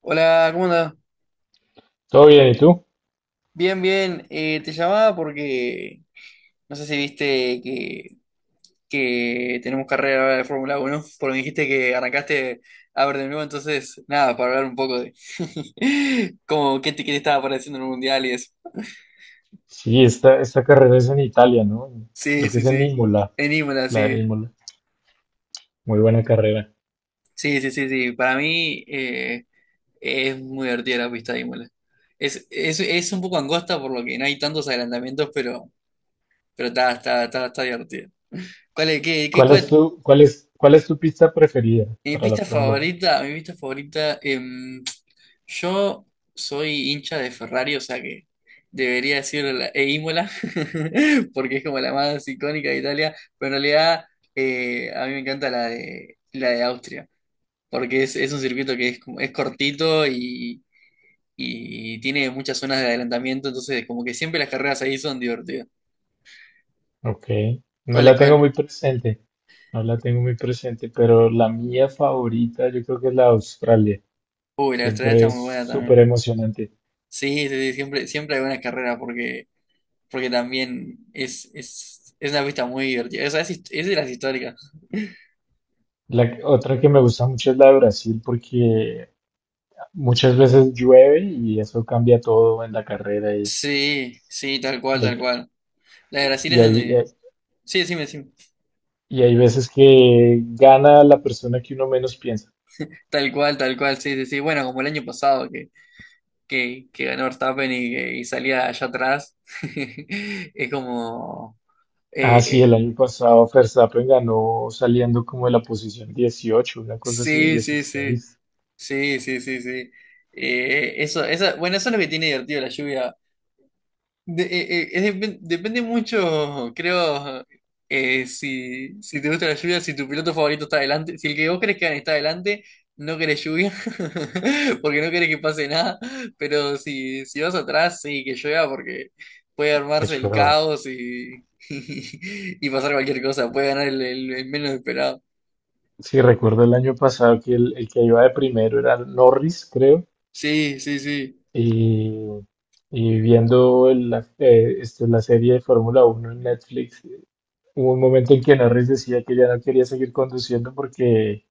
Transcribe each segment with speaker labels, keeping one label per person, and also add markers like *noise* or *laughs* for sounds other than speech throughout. Speaker 1: Hola, ¿cómo andás?
Speaker 2: Todo bien, ¿y tú?
Speaker 1: Bien, bien. Te llamaba porque no sé si viste que tenemos carrera ahora de Fórmula 1, porque me dijiste que arrancaste a ver de nuevo, entonces, nada, para hablar un poco de *laughs* qué te estaba pareciendo en el Mundial y eso.
Speaker 2: Sí, esta carrera es en Italia, ¿no?
Speaker 1: Sí,
Speaker 2: Creo que
Speaker 1: sí,
Speaker 2: es en
Speaker 1: sí.
Speaker 2: Imola,
Speaker 1: En Imola,
Speaker 2: la de
Speaker 1: sí.
Speaker 2: Imola. Muy buena carrera.
Speaker 1: Sí, sí, sí, sí. Para mí, es muy divertida la pista de Imola. Es un poco angosta por lo que no hay tantos adelantamientos, pero está divertida. ¿Cuál es, qué, qué- cuál-
Speaker 2: Cuál es tu pista preferida para la Fórmula 1?
Speaker 1: Mi pista favorita, yo soy hincha de Ferrari, o sea que debería decir e Imola, *laughs* porque es como la más icónica de Italia, pero en realidad a mí me encanta la la de Austria, porque es un circuito que es, como- es cortito y tiene muchas zonas de adelantamiento, entonces como que siempre las carreras ahí son divertidas.
Speaker 2: Ok, no la tengo
Speaker 1: ¿Cuál?
Speaker 2: muy presente, no la tengo muy presente, pero la mía favorita yo creo que es la de Australia.
Speaker 1: Uy, la de Australia
Speaker 2: Siempre
Speaker 1: está
Speaker 2: es
Speaker 1: muy buena
Speaker 2: súper
Speaker 1: también.
Speaker 2: emocionante.
Speaker 1: Sí, sí, sí, siempre, siempre hay buenas carreras porque porque también es una pista muy divertida. O sea, es, hist- es de las históricas.
Speaker 2: Otra que me gusta mucho es la de Brasil porque muchas veces llueve y eso cambia todo en la carrera
Speaker 1: Sí, sí, tal cual, tal cual. La de Brasil
Speaker 2: y
Speaker 1: es
Speaker 2: hay,
Speaker 1: donde... Sí, sí, sí.
Speaker 2: y hay veces que gana la persona que uno menos piensa.
Speaker 1: Tal cual, sí, sí, sí. Bueno, como el año pasado que ganó Verstappen y, que- y salía allá atrás. *laughs* Es como... eh,
Speaker 2: Ah, sí, el
Speaker 1: eh,
Speaker 2: año pasado Verstappen ganó saliendo como de la posición 18, una cosa así,
Speaker 1: sí, sí, sí.
Speaker 2: 16.
Speaker 1: Sí, sí, sí, sí. Eso, esa, bueno, eso es lo que tiene divertido la lluvia De- es depen- depende mucho, creo, si, si te gusta la lluvia, si tu piloto favorito está adelante, si el que vos crees que gane está adelante, no querés lluvia, *laughs* porque no querés que pase nada, pero si, si vas atrás, sí, que llueva, porque puede
Speaker 2: Qué
Speaker 1: armarse el
Speaker 2: chueva.
Speaker 1: caos y, *laughs* y, pasar cualquier cosa, puede ganar el menos esperado.
Speaker 2: Sí, recuerdo el año pasado que el que iba de primero era Norris, creo.
Speaker 1: Sí, sí, sí,
Speaker 2: Y, y viendo la serie de Fórmula 1 en Netflix, hubo un momento en que Norris decía que ya no quería seguir conduciendo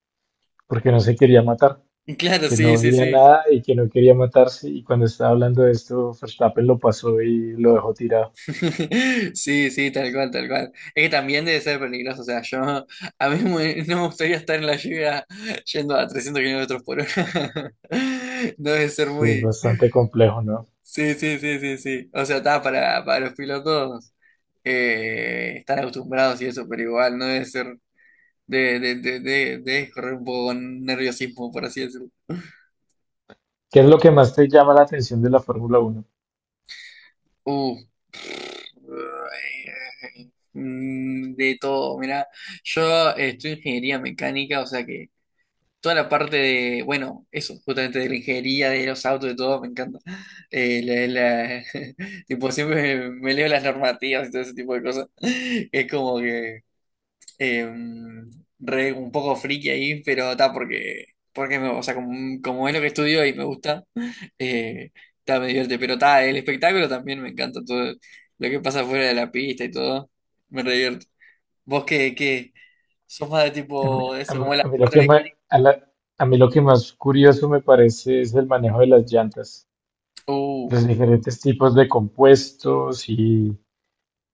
Speaker 2: porque no se quería matar.
Speaker 1: claro,
Speaker 2: Que
Speaker 1: sí,
Speaker 2: no
Speaker 1: sí,
Speaker 2: veía
Speaker 1: sí.
Speaker 2: nada y que no quería matarse. Y cuando estaba hablando de esto, Verstappen lo pasó y lo dejó tirado.
Speaker 1: *laughs* Sí, sí, tal cual, tal cual. Es que también debe ser peligroso, o sea, yo a mí me- *laughs* no me gustaría estar en la lluvia yendo a 300 km/h. *laughs* No debe ser
Speaker 2: Sí, es
Speaker 1: muy...
Speaker 2: bastante complejo, ¿no?
Speaker 1: Sí, sí, sí, sí, sí. O sea, está para los pilotos, están acostumbrados y eso, pero igual no debe ser de correr un poco con nerviosismo, por así decirlo.
Speaker 2: ¿Qué es lo que más te llama la atención de la Fórmula 1?
Speaker 1: Uh, de todo, mira, yo estoy en ingeniería mecánica, o sea que... toda la parte de, bueno, eso, justamente de la ingeniería, de los autos, de todo, me encanta. Eh, la- la- *laughs* tipo, me leo las normativas y todo ese tipo de cosas. *laughs* Es como que eh, re un poco friki ahí, pero está porque, porque me- o sea, como, como es lo que estudio y me gusta, *laughs* eh, está, me divierte. Pero está, el espectáculo también me encanta, todo lo que pasa fuera de la pista y todo, me re divierte. ¿Qué? ¿Sos más de
Speaker 2: A mí,
Speaker 1: tipo
Speaker 2: a
Speaker 1: eso,
Speaker 2: mí-
Speaker 1: como es
Speaker 2: a
Speaker 1: la
Speaker 2: mí lo
Speaker 1: parte
Speaker 2: que ma-
Speaker 1: mecánica?
Speaker 2: a la- a mí lo que más curioso me parece es el manejo de las llantas,
Speaker 1: Uh.
Speaker 2: los diferentes tipos de compuestos y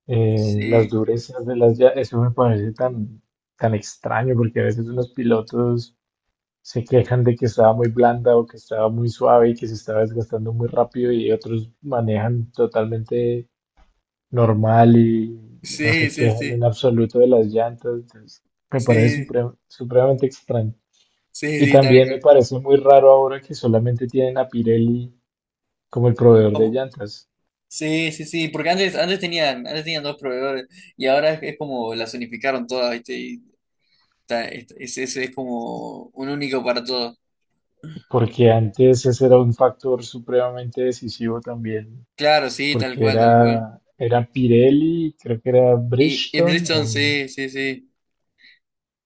Speaker 2: las
Speaker 1: Sí,
Speaker 2: durezas de las llantas. Eso me parece tan extraño porque a veces unos pilotos se quejan de que estaba muy blanda o que estaba muy suave y que se estaba desgastando muy rápido y otros manejan totalmente normal y no
Speaker 1: sí,
Speaker 2: se
Speaker 1: sí,
Speaker 2: quejan en
Speaker 1: sí,
Speaker 2: absoluto de las llantas. Entonces, me parece
Speaker 1: sí,
Speaker 2: supremamente extraño.
Speaker 1: sí,
Speaker 2: Y
Speaker 1: sí, tal
Speaker 2: también me
Speaker 1: cual.
Speaker 2: parece muy raro ahora que solamente tienen a Pirelli como el proveedor de
Speaker 1: Como,
Speaker 2: llantas,
Speaker 1: sí, sí, sí, porque antes, antes tenían dos proveedores y ahora es como las unificaron todas, ¿viste? Y ta- es como un único para todos.
Speaker 2: porque antes ese era un factor supremamente decisivo también,
Speaker 1: Claro, sí, tal
Speaker 2: porque
Speaker 1: cual, tal cual.
Speaker 2: era Pirelli, creo que era
Speaker 1: Y
Speaker 2: Bridgestone
Speaker 1: Bridgestone,
Speaker 2: o
Speaker 1: sí, sí, sí.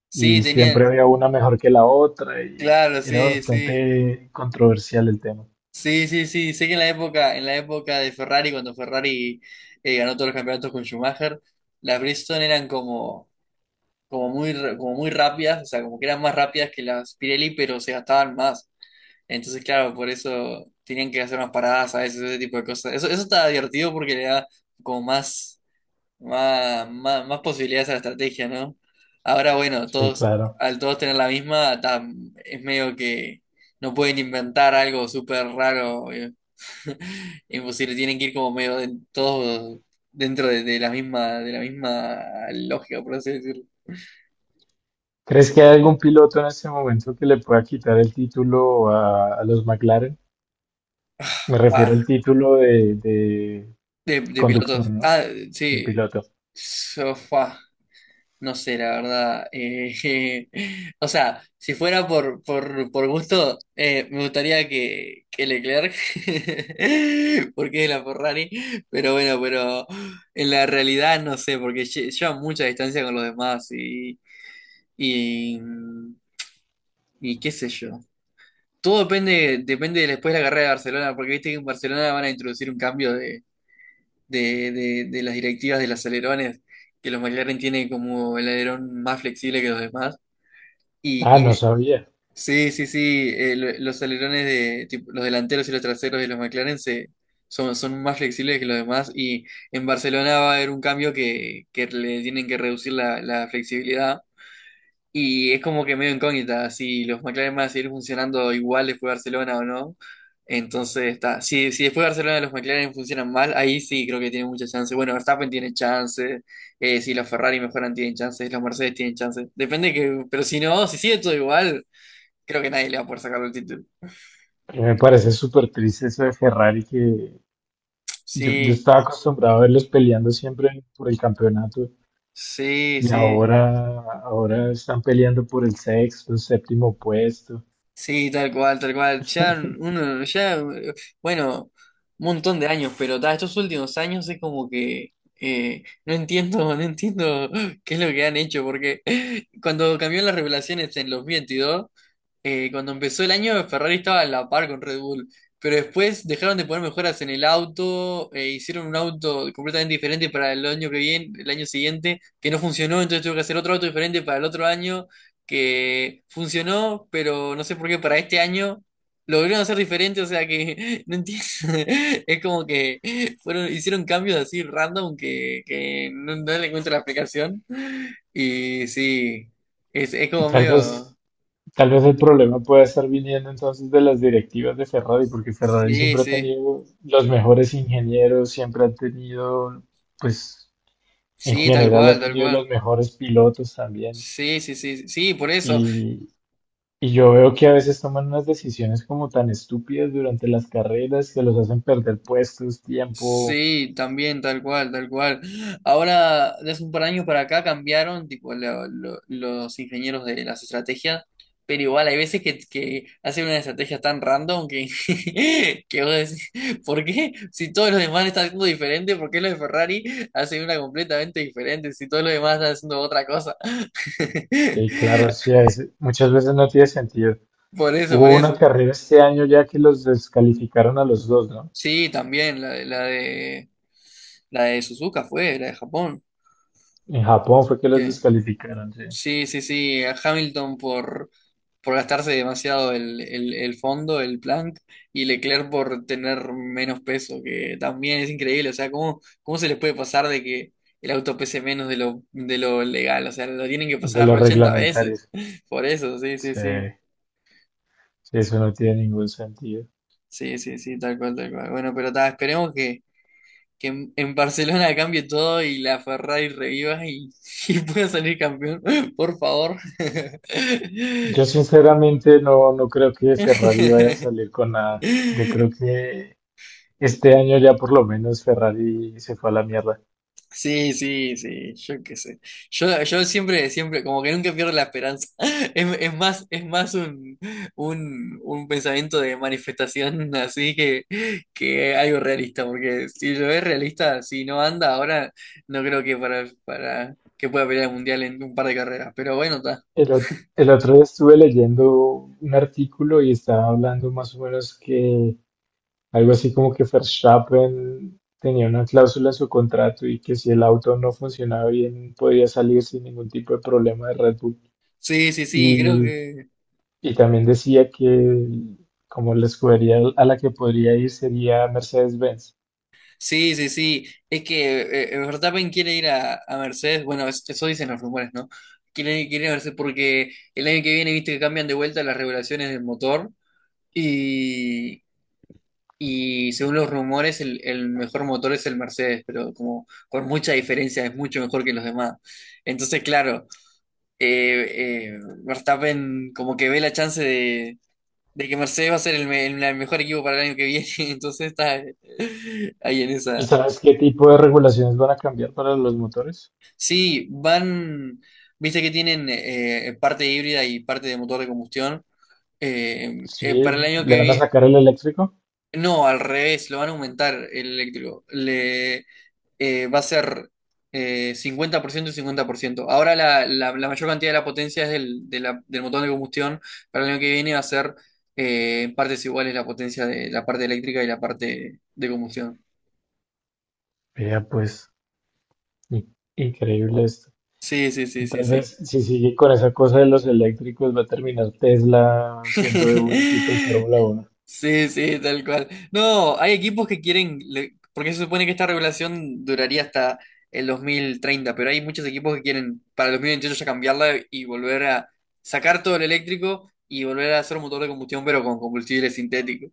Speaker 1: Sí,
Speaker 2: y siempre
Speaker 1: tenían,
Speaker 2: había una mejor que la otra y
Speaker 1: claro,
Speaker 2: era
Speaker 1: sí, sí.
Speaker 2: bastante controversial el tema.
Speaker 1: Sí, sí, sí. Sé que en la época de Ferrari, cuando Ferrari, ganó todos los campeonatos con Schumacher, las Bridgestone eran como como muy, r- como muy rápidas, o sea, como que eran más rápidas que las Pirelli, pero se gastaban más. Entonces, claro, por eso tenían que hacer unas paradas a veces, ese tipo de cosas. Eso está divertido porque le da como más, más posibilidades a la estrategia, ¿no? Ahora, bueno,
Speaker 2: Sí,
Speaker 1: todos,
Speaker 2: claro.
Speaker 1: al todos tener la misma, tam- es medio que no pueden inventar algo súper raro, *laughs* imposible, tienen que ir como medio de- todos dentro de la misma lógica, por así decirlo.
Speaker 2: ¿Crees que hay algún piloto en este momento que le pueda quitar el título a los McLaren? Me refiero
Speaker 1: Ah,
Speaker 2: al título de
Speaker 1: de
Speaker 2: conductor,
Speaker 1: pilotos.
Speaker 2: ¿no?
Speaker 1: Ah,
Speaker 2: De
Speaker 1: sí.
Speaker 2: piloto.
Speaker 1: Sofá. No sé, la verdad. *laughs* O sea, si fuera por gusto, me gustaría que Leclerc, *laughs* porque es la Ferrari, pero bueno, pero en la realidad no sé, porque lle- lleva mucha distancia con los demás y, y qué sé yo. Todo depende, depende de después de la carrera de Barcelona, porque viste que en Barcelona van a introducir un cambio de las directivas de los alerones, que los McLaren tienen como el alerón más flexible que los demás.
Speaker 2: Ah, no
Speaker 1: Y
Speaker 2: sabía.
Speaker 1: sí, sí, sí, lo- los alerones de tipo, los delanteros y los traseros de los McLaren se, son más flexibles que los demás. Y en Barcelona va a haber un cambio que le tienen que reducir la, la flexibilidad y es como que medio incógnita si los McLaren van a seguir funcionando igual después de Barcelona o no. Entonces está. Si, si después de Barcelona los McLaren funcionan mal, ahí sí creo que tienen mucha chance. Bueno, Verstappen tiene chance. Si los Ferrari mejoran, tienen chances. Los Mercedes tienen chances. Depende que. Pero si no, si sigue todo igual, creo que nadie le va a poder sacar el título.
Speaker 2: Y me parece súper triste eso de Ferrari que yo
Speaker 1: Sí,
Speaker 2: estaba acostumbrado a verlos peleando siempre por el campeonato
Speaker 1: sí,
Speaker 2: y
Speaker 1: sí.
Speaker 2: ahora están peleando por el sexto, séptimo puesto.
Speaker 1: Sí, tal cual, tal cual. Ya
Speaker 2: *laughs*
Speaker 1: uno, ya, bueno, un montón de años, pero ta, estos últimos años es como que no entiendo, *laughs* no entiendo qué es lo que han hecho, porque cuando cambió las revelaciones en los veintidós, cuando empezó el año, Ferrari estaba a la par con Red Bull, pero después dejaron de poner mejoras en el auto, hicieron un auto completamente diferente para el año que viene, el año siguiente, que no funcionó, entonces tuvo que hacer otro auto diferente para el otro año, que funcionó, pero no sé por qué para este año lo volvieron a hacer diferente, o sea que *laughs* no entiendo, *laughs* es como que fueron, hicieron cambios así random que no, no le encuentro la explicación, y sí, es como
Speaker 2: Tal
Speaker 1: medio...
Speaker 2: vez, Tal vez el problema pueda estar viniendo entonces de las directivas de Ferrari, porque Ferrari
Speaker 1: Sí,
Speaker 2: siempre ha
Speaker 1: sí,
Speaker 2: tenido los mejores ingenieros, siempre ha tenido, pues, en
Speaker 1: sí, tal
Speaker 2: general ha
Speaker 1: cual, tal
Speaker 2: tenido
Speaker 1: cual.
Speaker 2: los mejores pilotos también.
Speaker 1: Sí, sí, sí, sí, por eso.
Speaker 2: Y, y yo veo que a veces toman unas decisiones como tan estúpidas durante las carreras que los hacen perder puestos, tiempo.
Speaker 1: Sí, también, tal cual, tal cual. Ahora, de hace un par de años para acá cambiaron, tipo, los ingenieros de las estrategias, pero igual hay veces que hacen una estrategia tan random que, *laughs* que vos decís, ¿por qué? Si todos los demás están haciendo diferente, ¿por qué los de Ferrari hacen una completamente diferente? Si todos los demás están haciendo otra cosa.
Speaker 2: Sí, claro,
Speaker 1: *laughs*
Speaker 2: sí, muchas veces no tiene sentido.
Speaker 1: Por eso, por
Speaker 2: Hubo una
Speaker 1: eso.
Speaker 2: carrera este año ya que los descalificaron a los dos, ¿no?
Speaker 1: Sí, también, la de la de Suzuka fue, la de Japón.
Speaker 2: En Japón fue que los
Speaker 1: Que
Speaker 2: descalificaron, sí,
Speaker 1: sí, sí, sí, a Hamilton por gastarse demasiado el fondo, el plank, y Leclerc por tener menos peso, que también es increíble. O sea, ¿cómo, cómo se les puede pasar de que el auto pese menos de lo legal? O sea, lo tienen que
Speaker 2: de
Speaker 1: pasar
Speaker 2: los
Speaker 1: 80 veces.
Speaker 2: reglamentarios.
Speaker 1: *laughs* Por eso, sí, sí, sí.
Speaker 2: Sí, sí, eso no tiene ningún sentido.
Speaker 1: Sí, sí, sí, tal cual, tal cual. Bueno, pero ta, esperemos que en Barcelona cambie todo y la Ferrari reviva y, *laughs* y pueda salir campeón, *laughs* por favor. *laughs*
Speaker 2: Yo sinceramente no, no creo que Ferrari vaya a salir con nada. Yo creo que este año ya por lo menos Ferrari se fue a la mierda.
Speaker 1: Sí, sí, sí, yo qué sé. Yo siempre, siempre, como que nunca pierdo la esperanza. *laughs* Es más un, un pensamiento de manifestación *laughs* así que algo realista, porque si lo es realista, si no anda ahora, no creo que para que pueda pelear el mundial en un par de carreras. Pero bueno,
Speaker 2: El otro día estuve leyendo un artículo y estaba hablando más o menos que algo así como que Verstappen tenía una cláusula en su contrato y que si el auto no funcionaba bien podía salir sin ningún tipo de problema de Red Bull.
Speaker 1: sí, sí, sí, creo
Speaker 2: Y,
Speaker 1: que.
Speaker 2: y también decía que como la escudería a la que podría ir sería Mercedes-Benz.
Speaker 1: Sí, sí, sí. Es que Verstappen quiere ir a Mercedes. Bueno, es- eso dicen los rumores, ¿no? Quiere, quiere ir a Mercedes porque el año que viene, viste que cambian de vuelta las regulaciones del motor. Y, y según los rumores, el mejor motor es el Mercedes, pero como con mucha diferencia, es mucho mejor que los demás. Entonces, claro, Verstappen como que ve la chance de que Mercedes va a ser el, me- el- mejor equipo para el año que viene, *laughs* entonces está ahí en
Speaker 2: ¿Y
Speaker 1: esa.
Speaker 2: sabes qué tipo de regulaciones van a cambiar para los motores?
Speaker 1: Sí, van, viste que tienen parte híbrida y parte de motor de combustión.
Speaker 2: Sí,
Speaker 1: Para el año
Speaker 2: le
Speaker 1: que
Speaker 2: van a
Speaker 1: viene.
Speaker 2: sacar el eléctrico.
Speaker 1: No, al revés, lo van a aumentar el eléctrico. Le, va a ser 50% y 50%. Ahora la mayor cantidad de la potencia es del, de la- del motor de combustión. Para el año que viene va a ser en partes iguales la potencia de la parte eléctrica y la parte de combustión.
Speaker 2: Vea, pues, increíble esto.
Speaker 1: Sí, sí, sí, sí,
Speaker 2: Tal
Speaker 1: sí.
Speaker 2: vez si sigue con esa cosa de los eléctricos va a terminar Tesla siendo de un equipo de
Speaker 1: *laughs*
Speaker 2: Fórmula 1.
Speaker 1: Sí, sí, tal cual. No, hay equipos que quieren, le- porque se supone que esta regulación duraría hasta el 2030, pero hay muchos equipos que quieren para el 2028 ya cambiarla y volver a sacar todo el eléctrico y volver a hacer un motor de combustión, pero con combustible sintético,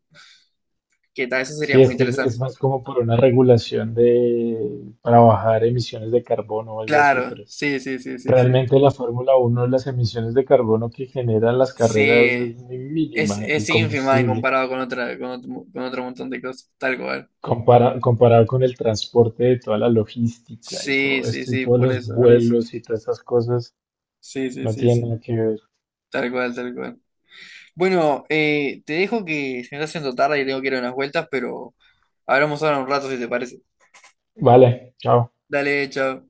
Speaker 1: que tal, eso sería
Speaker 2: Sí,
Speaker 1: muy
Speaker 2: es que
Speaker 1: interesante.
Speaker 2: es más como por una regulación de para bajar emisiones de carbono o algo así,
Speaker 1: Claro,
Speaker 2: pero
Speaker 1: sí, sí, sí, sí, sí.
Speaker 2: realmente la Fórmula 1, las emisiones de carbono que generan las
Speaker 1: Sí,
Speaker 2: carreras es muy mínima, el
Speaker 1: es ínfima en
Speaker 2: combustible,
Speaker 1: comparado con otra, con otro montón de cosas, tal cual.
Speaker 2: comparado con el transporte de toda la logística y
Speaker 1: Sí,
Speaker 2: todo
Speaker 1: sí,
Speaker 2: esto y
Speaker 1: sí,
Speaker 2: todos
Speaker 1: por
Speaker 2: los
Speaker 1: eso, por eso.
Speaker 2: vuelos y todas esas cosas,
Speaker 1: Sí, sí,
Speaker 2: no
Speaker 1: sí,
Speaker 2: tiene
Speaker 1: sí,
Speaker 2: nada que ver.
Speaker 1: tal cual, tal cual. Bueno, te dejo que se me está haciendo tarde y tengo que ir a unas vueltas, pero hablamos ahora un rato si te parece.
Speaker 2: Vale, chao.
Speaker 1: Dale, chao.